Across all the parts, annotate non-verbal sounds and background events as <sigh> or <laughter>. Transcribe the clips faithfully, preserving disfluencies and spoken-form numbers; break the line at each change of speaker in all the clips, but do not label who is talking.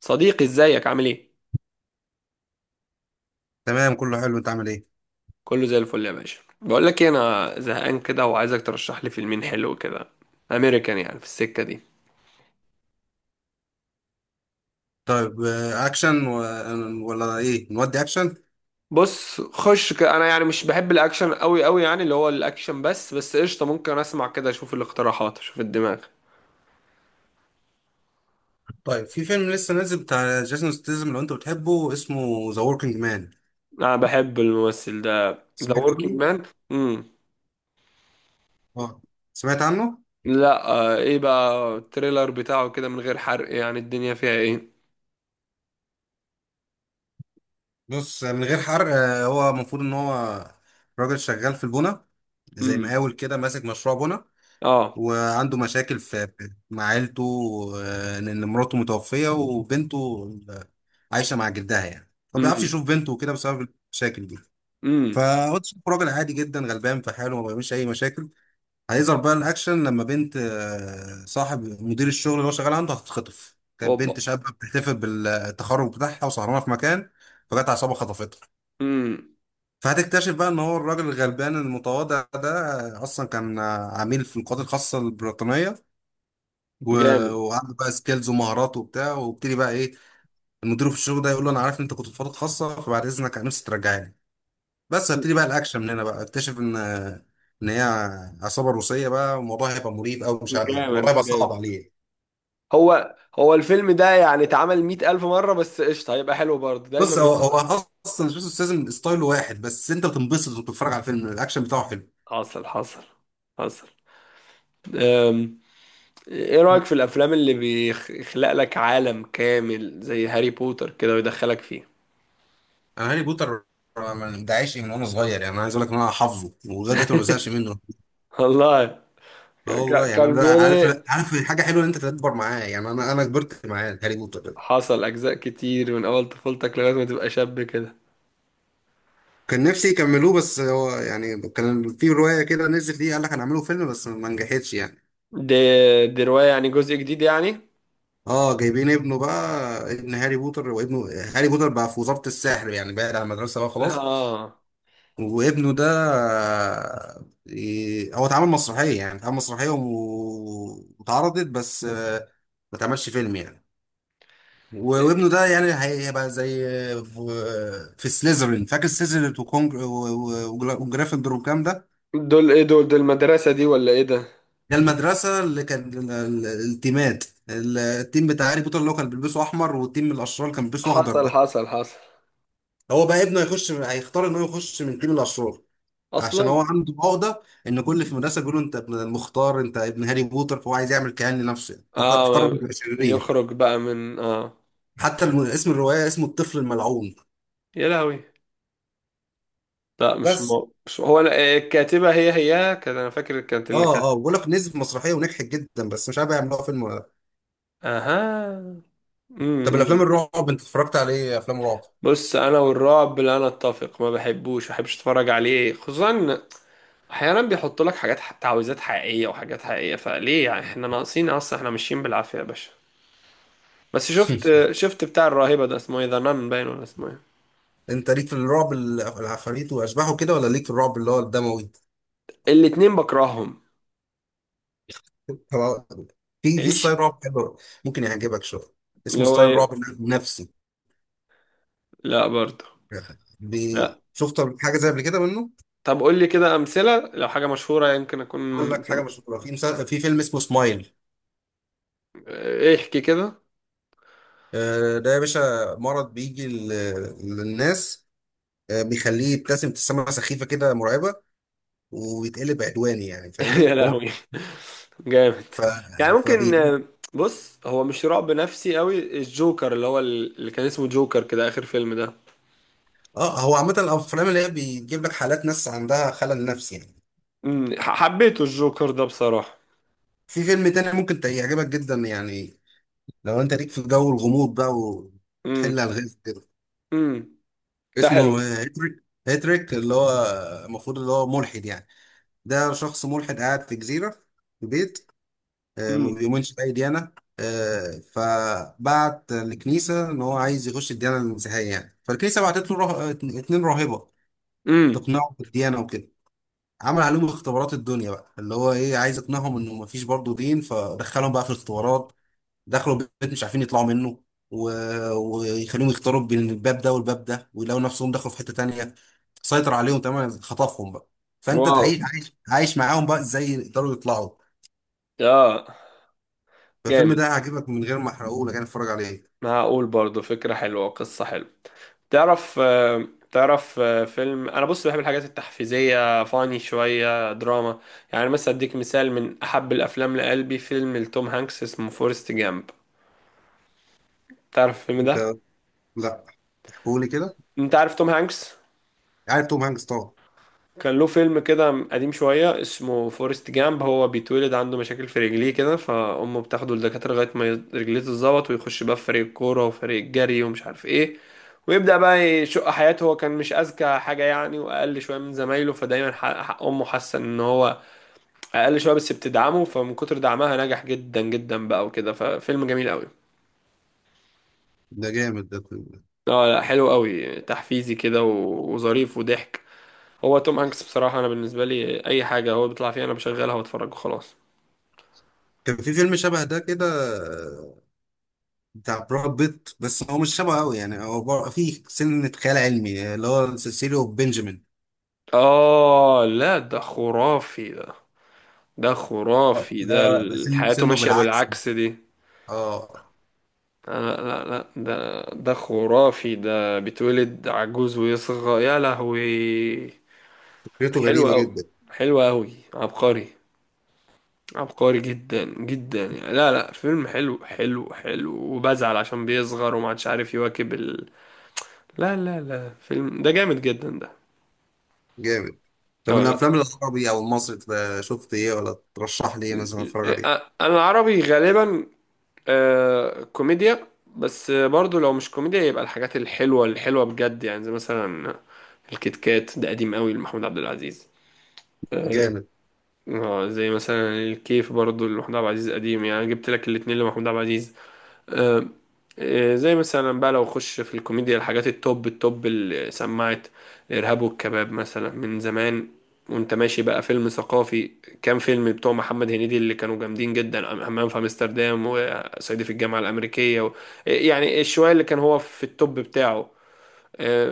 صديقي، ازيك؟ عامل ايه؟
تمام كله حلو. انت عامل ايه؟
كله زي الفل يا باشا. بقول لك ايه، انا زهقان كده وعايزك ترشح لي فيلمين حلو كده، امريكان يعني، في السكه دي.
طيب آه، اكشن و... ولا ايه نودي اكشن؟
بص، خش ك... انا يعني مش بحب الاكشن قوي قوي، يعني اللي هو الاكشن، بس بس قشطه، ممكن اسمع كده، اشوف الاقتراحات، اشوف الدماغ.
طيب في فيلم لسه نازل بتاع جيسون ستيزم، لو انت بتحبه اسمه ذا وركينج مان.
انا بحب الممثل ده. ذا
سمعت
وركينج
عنه؟
مان. امم.
اه سمعت عنه.
لا، آه ايه بقى التريلر بتاعه كده من غير حرق؟ يعني الدنيا فيها ايه؟
بص من غير حرق آه، هو المفروض ان هو راجل شغال في البنا، زي
امم.
مقاول كده ماسك مشروع بنا،
اه.
وعنده مشاكل في مع عيلته. آه، ان مراته متوفية وبنته آه، عايشة مع جدها، يعني ما بيعرفش
امم.
يشوف بنته كده بسبب المشاكل دي.
امم.
فقلت شوف راجل عادي جدا غلبان في حاله، ما بيعملش اي مشاكل. هيظهر بقى الاكشن لما بنت آه، صاحب مدير الشغل اللي هو شغال عنده هتتخطف. كانت
اوبا.
بنت شابه بتحتفل بالتخرج بتاعها وسهرانه في مكان، فجت عصابه خطفتها.
امم.
فهتكتشف بقى ان هو الراجل الغلبان المتواضع ده آه، اصلا كان آه، عميل في القوات الخاصه البريطانيه، و-
جامد
وعنده بقى سكيلز ومهارات وبتاع. وابتدي بقى ايه، المدير في الشغل ده يقول له انا عارف ان انت كنت في قوات خاصه، فبعد اذنك انا نفسي ترجعني. بس هبتدي بقى الاكشن من هنا، بقى اكتشف ان ان هي عصابه روسيه بقى، والموضوع هيبقى مريب او مش عارف يعني، الموضوع
جامد
هيبقى
جامد.
صعب عليه.
هو هو الفيلم ده يعني اتعمل مئة ألف مرة، بس قشطة، هيبقى حلو برضه، دايما
بص هو
بيبقى زي-
هو اصلا جيسون ستاثام ستايله واحد، بس انت بتنبسط وانت بتتفرج على الفيلم، الاكشن بتاعه حلو.
حصل، حصل، حصل. أم، ايه رأيك في الأفلام اللي بيخلق لك عالم كامل زي هاري بوتر كده ويدخلك فيه؟
انا هاري بوتر ده عايش من وانا صغير، يعني انا عايز اقول لك ان انا حافظه ولغايه دلوقتي ما بزهقش منه.
<laughs> والله.
اه
ك-
والله،
ك-
يعني انا
كان
بقى
بيقول
عارف،
ايه؟
عارف حاجه حلوه ان انت تكبر معاه، يعني انا انا كبرت معاه هاري بوتر ده.
حصل، أجزاء كتير من أول طفولتك لغاية ما تبقى شاب كده.
كان نفسي يكملوه، بس هو يعني كان في روايه كده نزلت ليه، قال لك هنعمله فيلم بس ما نجحتش يعني.
دي دي رواية يعني، جزء جديد يعني؟
اه جايبين ابنه بقى، ابن هاري بوتر، وابنه هاري بوتر بقى في وزارة السحر، يعني بعد عن المدرسة بقى
<laughs>
خلاص.
اه.
وابنه ده آه، إيه، هو اتعمل مسرحية، يعني اتعمل مسرحية و- واتعرضت، بس آه، ما اتعملش فيلم يعني. و- وابنه ده يعني هي- هيبقى زي آه، في في سليزرين، فاكر سليزرين وكونج و- و- وجرا- وجريفندور والكلام ده.
دول ايه؟ دول دول المدرسة دي ولا ايه ده؟
ده المدرسة اللي كان ال- ال- التيمات، ال- التيم بتاع هاري بوتر اللي هو كان بيلبسه احمر، والتيم الاشرار كان بيلبسه اخضر
حصل،
ده.
حصل، حصل.
هو بقى ابنه هيخش، هيختار ان هو يخش من تيم الاشرار، عشان
اصلا.
هو عنده عقده ان كل اللي في المدرسه بيقولوا انت ابن المختار، انت ابن هاري بوتر، فهو عايز يعمل كيان لنفسه يعني. فقر فقرر انه
اه.
يبقى شرير.
يخرج بقى من اه
حتى الم- اسم الروايه اسمه الطفل الملعون.
يا لهوي. لا، مش
بس
مو... مش هو. انا آه، الكاتبة هي هي كانت، انا فاكر كانت اللي
اه،
كانت.
اه بقول لك نزل في مسرحيه ونجحت جدا، بس مش عارف يعملوها فيلم ولا لا.
اها.
طب
امم
الافلام
إمم.
الرعب انت اتفرجت على ايه افلام رعب؟
بص، انا والرعب لا نتفق، ما بحبوش، ما بحبش اتفرج عليه خصوصا. احيانا بيحط لك حاجات ح- تعويذات حقيقية وحاجات حقيقية، فليه يعني؟ احنا ناقصين؟ اصلا احنا ماشيين بالعافية يا باشا. بس شفت شفت بتاع الراهبة ده، اسمه ايه؟ ذا نان باين ولا اسمه ايه؟
انت ليك في الرعب ال- العفاريت واشباح وكده، ولا ليك في الرعب اللي هو الدموي؟
الاتنين بكرههم.
طب في في ستايل
عيش.
رعب حلو ممكن يعجبك شويه،
اللي
اسمه
هو
ستايل رعب
ايه؟
نفسي.
لا، برضه.
بي- شفت حاجه زي قبل كده منه؟
طب قول لي كده أمثلة، لو حاجة مشهورة يمكن أكون.
اقول لك
سم...
حاجه مش، في مسا... في فيلم اسمه سمايل.
إيه، احكي كده.
آه، ده يا باشا مرض بيجي ل- للناس، آه، بيخليه يبتسم ابتسامه سخيفه كده مرعبه، ويتقلب عدواني، يعني
<laughs> يا
فاهمني. هو
لهوي. جامد.
ف
يعني ممكن،
فبي
آه، بص، هو مش رعب نفسي قوي، الجوكر اللي هو ال- اللي كان اسمه جوكر كده، آخر فيلم ده.
اه هو عامه الافلام اللي هي بيجيب لك حالات ناس عندها خلل نفسي يعني.
امم ح- حبيته الجوكر ده بصراحة.
في فيلم تاني ممكن ت- يعجبك جدا يعني، لو انت ليك في جو الغموض بقى
امم.
وتحل الغاز كده.
امم. ده حلو.
اسمه هيتريك، هيتريك اللي هو المفروض اللي هو ملحد يعني، ده شخص ملحد قاعد في جزيرة في بيت، آه، ما
امم.
بيؤمنش بأي ديانة. آه، فبعت الكنيسة إن هو عايز يخش الديانة المسيحية يعني، فالكنيسة بعتت له راه... اتنين راهبة
امم.
تقنعه بالديانة وكده. عمل عليهم اختبارات الدنيا بقى، اللي هو إيه عايز يقنعهم إنه مفيش برضه دين، فدخلهم بقى في الاختبارات. دخلوا بيت مش عارفين يطلعوا منه، و... ويخليهم يختاروا بين الباب ده والباب ده، ويلاقوا نفسهم دخلوا في حتة تانية. سيطر عليهم تماما، خطفهم بقى. فانت
واو.
تعيش، عايش عايش معاهم بقى ازاي يقدروا يطلعوا.
اه.
فالفيلم
جامد.
ده هيعجبك، من غير ما احرقه لك انا، اتفرج عليه.
معقول، برضه فكرة حلوة وقصة حلوة. تعرف آه، تعرف آه، فيلم، انا بص بحب الحاجات التحفيزيه، فاني شويه دراما. يعني مثلا اديك مثال من احب الافلام لقلبي، فيلم لتوم هانكس اسمه فورست جامب. تعرف الفيلم
انت،
ده؟
لا، قولي كده.
انت عارف توم هانكس؟
عارف توم هانكس طبعا.
كان له فيلم كده قديم شوية اسمه فورست جامب. هو بيتولد عنده مشاكل في رجليه كده، فأمه بتاخده للدكاترة لغاية ما ي- رجليه تتظبط، ويخش بقى في فريق الكورة وفريق الجري ومش عارف ايه. ويبدأ بقى يشق حياته، هو كان مش أذكى حاجة يعني، وأقل شوية من زمايله، فدايما حق حق أمه حاسة إن هو أقل شوية، بس بتدعمه، فمن كتر دعمها نجح جدا جدا بقى وكده. ففيلم جميل قوي.
ده جامد ده الفيلم ده.
اه لا، حلو قوي، تحفيزي كده و- وظريف وضحك. هو توم هانكس بصراحة، أنا بالنسبة لي أي حاجة هو بيطلع فيها أنا بشغلها وأتفرج وخلاص.
كان في فيلم شبه ده كده آه، بتاع براد بيت، بس هو مش شبه قوي يعني، هو بر- فيه سنة خيال علمي، اللي هو سيسيليو بنجامين.
آه لا، ده خرافي ده. ده خرافي
اللي
ده،
هو
ال-
سن-
حياته
سنه
ماشية
بالعكس.
بالعكس دي.
اه
لا، لا، لا، ده ده خرافي ده، بيتولد عجوز ويصغى، يا لهوي.
فكرته
حلو
غريبة
أوي.
جدا.
حلو أوي، عبقري. عبقري جدا جدا يعني، لا لا، فيلم حلو حلو حلو، وبزعل عشان بيصغر ومعادش عارف يواكب ال... لا، لا، لا، فيلم ده جامد جدا ده.
جامد. طب
اه،
من
لا.
الافلام العربي او المصري تبقى شفت ايه، ولا ترشح لي ايه مثلا اتفرج عليه؟
انا العربي غالبا. آه، كوميديا. بس برضو لو مش كوميديا يبقى الحاجات الحلوة الحلوة بجد يعني، زي مثلا الكيت كات ده قديم قوي لمحمود عبد العزيز. آه.
جامد.
آه، زي مثلا الكيف برضو لمحمود عبد العزيز، قديم يعني، أنا جبت لك الاتنين لمحمود عبد العزيز. آه، آه، زي مثلا بقى لو اخش في الكوميديا، الحاجات التوب التوب اللي سمعت الارهاب والكباب مثلا من زمان، وانت ماشي بقى فيلم ثقافي. كام فيلم بتوع محمد هنيدي اللي كانوا جامدين جدا، همام في امستردام وصعيدي في الجامعة الأمريكية و... آه، يعني شوية اللي كان هو في التوب بتاعه. آه،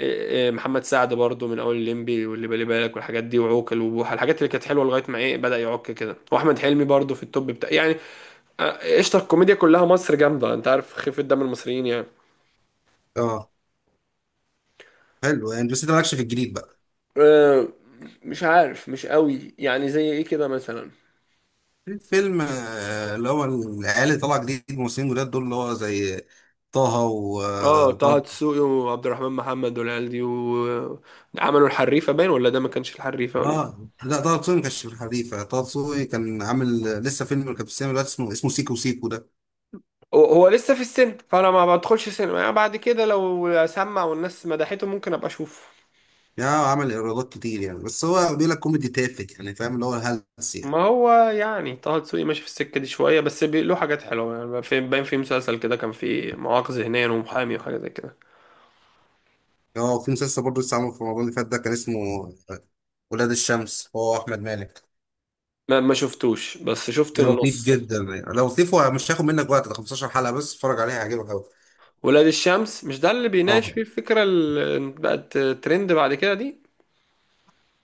آه، آه، محمد سعد برضو من اول الليمبي واللي بالي بالك والحاجات دي، وعوكل وبوحة، الحاجات اللي كانت حلوه لغايه ما ايه بدأ يعك كده، واحمد حلمي برضو في التوب بتاع يعني. آه، قشطة، الكوميديا كلها مصر جامدة، انت عارف خفة دم المصريين يعني.
اه حلو يعني، بس انت مالكش في الجديد بقى؟
آه، مش عارف، مش قوي يعني، زي ايه كده مثلا؟
في فيلم آه، اللي هو العيال اللي طالعه جديد، الممثلين جداد دول اللي هو زي طه و
اه،
آه،
طه
طه.
دسوقي وعبد الرحمن محمد والعيال دي، وعملوا الحريفة باين، ولا ده ما كانش الحريفة ولا؟
اه لا، طه دسوقي ما كانش في الحريفه. طه دسوقي كان عامل آه، لسه فيلم كان في السينما دلوقتي اسمه، اسمه سيكو سيكو ده.
هو هو لسه في السن، فانا ما بدخلش سينما يعني، بعد كده لو سمع والناس مدحته ممكن ابقى اشوفه.
يعني هو عمل ايرادات كتير يعني، بس هو بيقول لك كوميدي تافه يعني، فاهم اللي هو هلس
ما
يعني.
هو يعني طه دسوقي ماشي في السكة دي شوية، بس بي- له حاجات حلوة يعني، في- باين في مسلسل كده، كان فيه مواقف ذهنيا ومحامي وحاجة زي كده.
اه في مسلسل برضه لسه عامل في رمضان اللي فات ده، كان اسمه ولاد الشمس، هو احمد مالك.
ما ما شفتوش، بس شفت
ده لطيف
النص.
جدا يعني، لو لطيف ومش هياخد منك وقت ده خمستاشر حلقه بس، اتفرج عليها هيعجبك قوي.
ولاد الشمس مش ده اللي بيناقش فيه
اه
الفكرة اللي بقت ترند بعد كده دي؟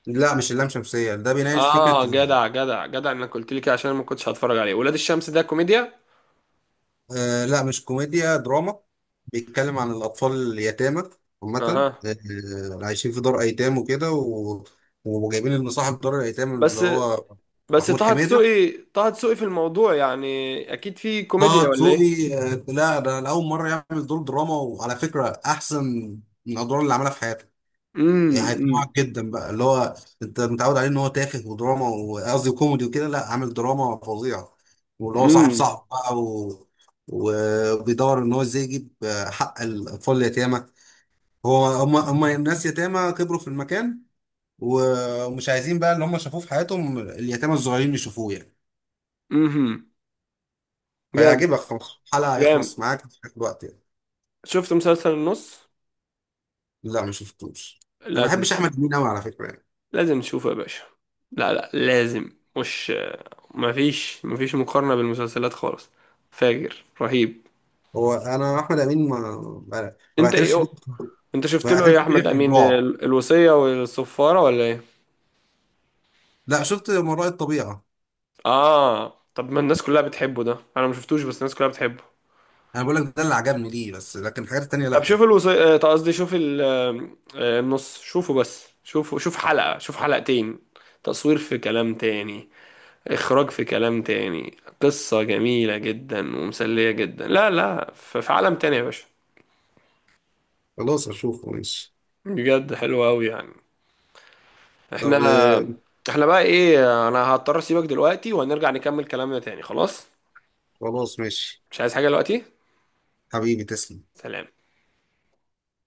لا مش اللام شمسيه، ده بيناقش
اه،
فكره ال-
جدع جدع جدع انك قلت لي كده، عشان أنا ما كنتش هتفرج عليه. ولاد الشمس ده كوميديا؟
آه لا مش كوميديا، دراما. بيتكلم عن الاطفال اليتامى عامه،
اها.
آه، اللي عايشين في دار ايتام وكده، و... وجايبين ان صاحب دار الايتام اللي
بس
هو
بس
محمود
طه
حميده.
دسوقي طه دسوقي في الموضوع يعني، اكيد في كوميديا
طه
ولا ايه؟
دسوقي آه، لا ده لأول مرة يعمل دور دراما، وعلى فكرة أحسن من الأدوار اللي عملها في حياته. يعني
امم.
هيقنعك جدا بقى، اللي هو أنت متعود عليه إن هو تافه ودراما، وقصدي كوميدي وكده، لا عامل دراما فظيعة. واللي هو صاحب،
امم.
صاحب بقى و... وبيدور إن هو إزاي يجيب آه، حق الأطفال اليتامى. هو هم هم ناس يتامى كبروا في المكان، و- ومش عايزين بقى اللي هم شافوه في حياتهم اليتامى الصغيرين يشوفوه يعني.
امم. جامد.
فيعجبك، خلاص حلقة
جامد.
هيخلص معاك في الوقت يعني.
شفت مسلسل النص؟
لا ما شفتوش. انا ما
لازم
بحبش
تشوف.
احمد امين قوي على فكره يعني.
لازم تشوفه يا باشا. لا، لا، لازم، مش مفيش مفيش مقارنة بالمسلسلات خالص. فاجر، رهيب.
هو انا احمد امين ما ما ما
انت
بعترفش بيه،
ايه؟
ما
انت شفت له ايه يا
بعترفش بيه
احمد
غير في
امين؟
الرعب.
ال- الوصية والصفارة ولا ايه؟
لا شفت مرائي الطبيعه.
اه، طب ما الناس كلها بتحبه ده، انا ما شفتوش بس الناس كلها بتحبه.
انا بقول لك ده اللي عجبني ليه، بس لكن الحاجات التانيه
طب
لا
شوف
يعني.
الوصية، قصدي شوف ال- آه، النص، شوفه بس، شوفه، شوف حلقة، شوف حلقتين. تصوير في كلام تاني. اخراج في كلام تاني، قصة جميلة جدا ومسلية جدا، لا لا، ف- في عالم تاني يا باشا.
خلاص اشوفه ماشي.
بجد، حلو قوي يعني.
طب
احنا
آه،
احنا بقى ايه؟ انا هضطر اسيبك دلوقتي، وهنرجع نكمل كلامنا تاني، خلاص.
خلاص ماشي
مش عايز حاجة دلوقتي.
حبيبي تسلم.
سلام.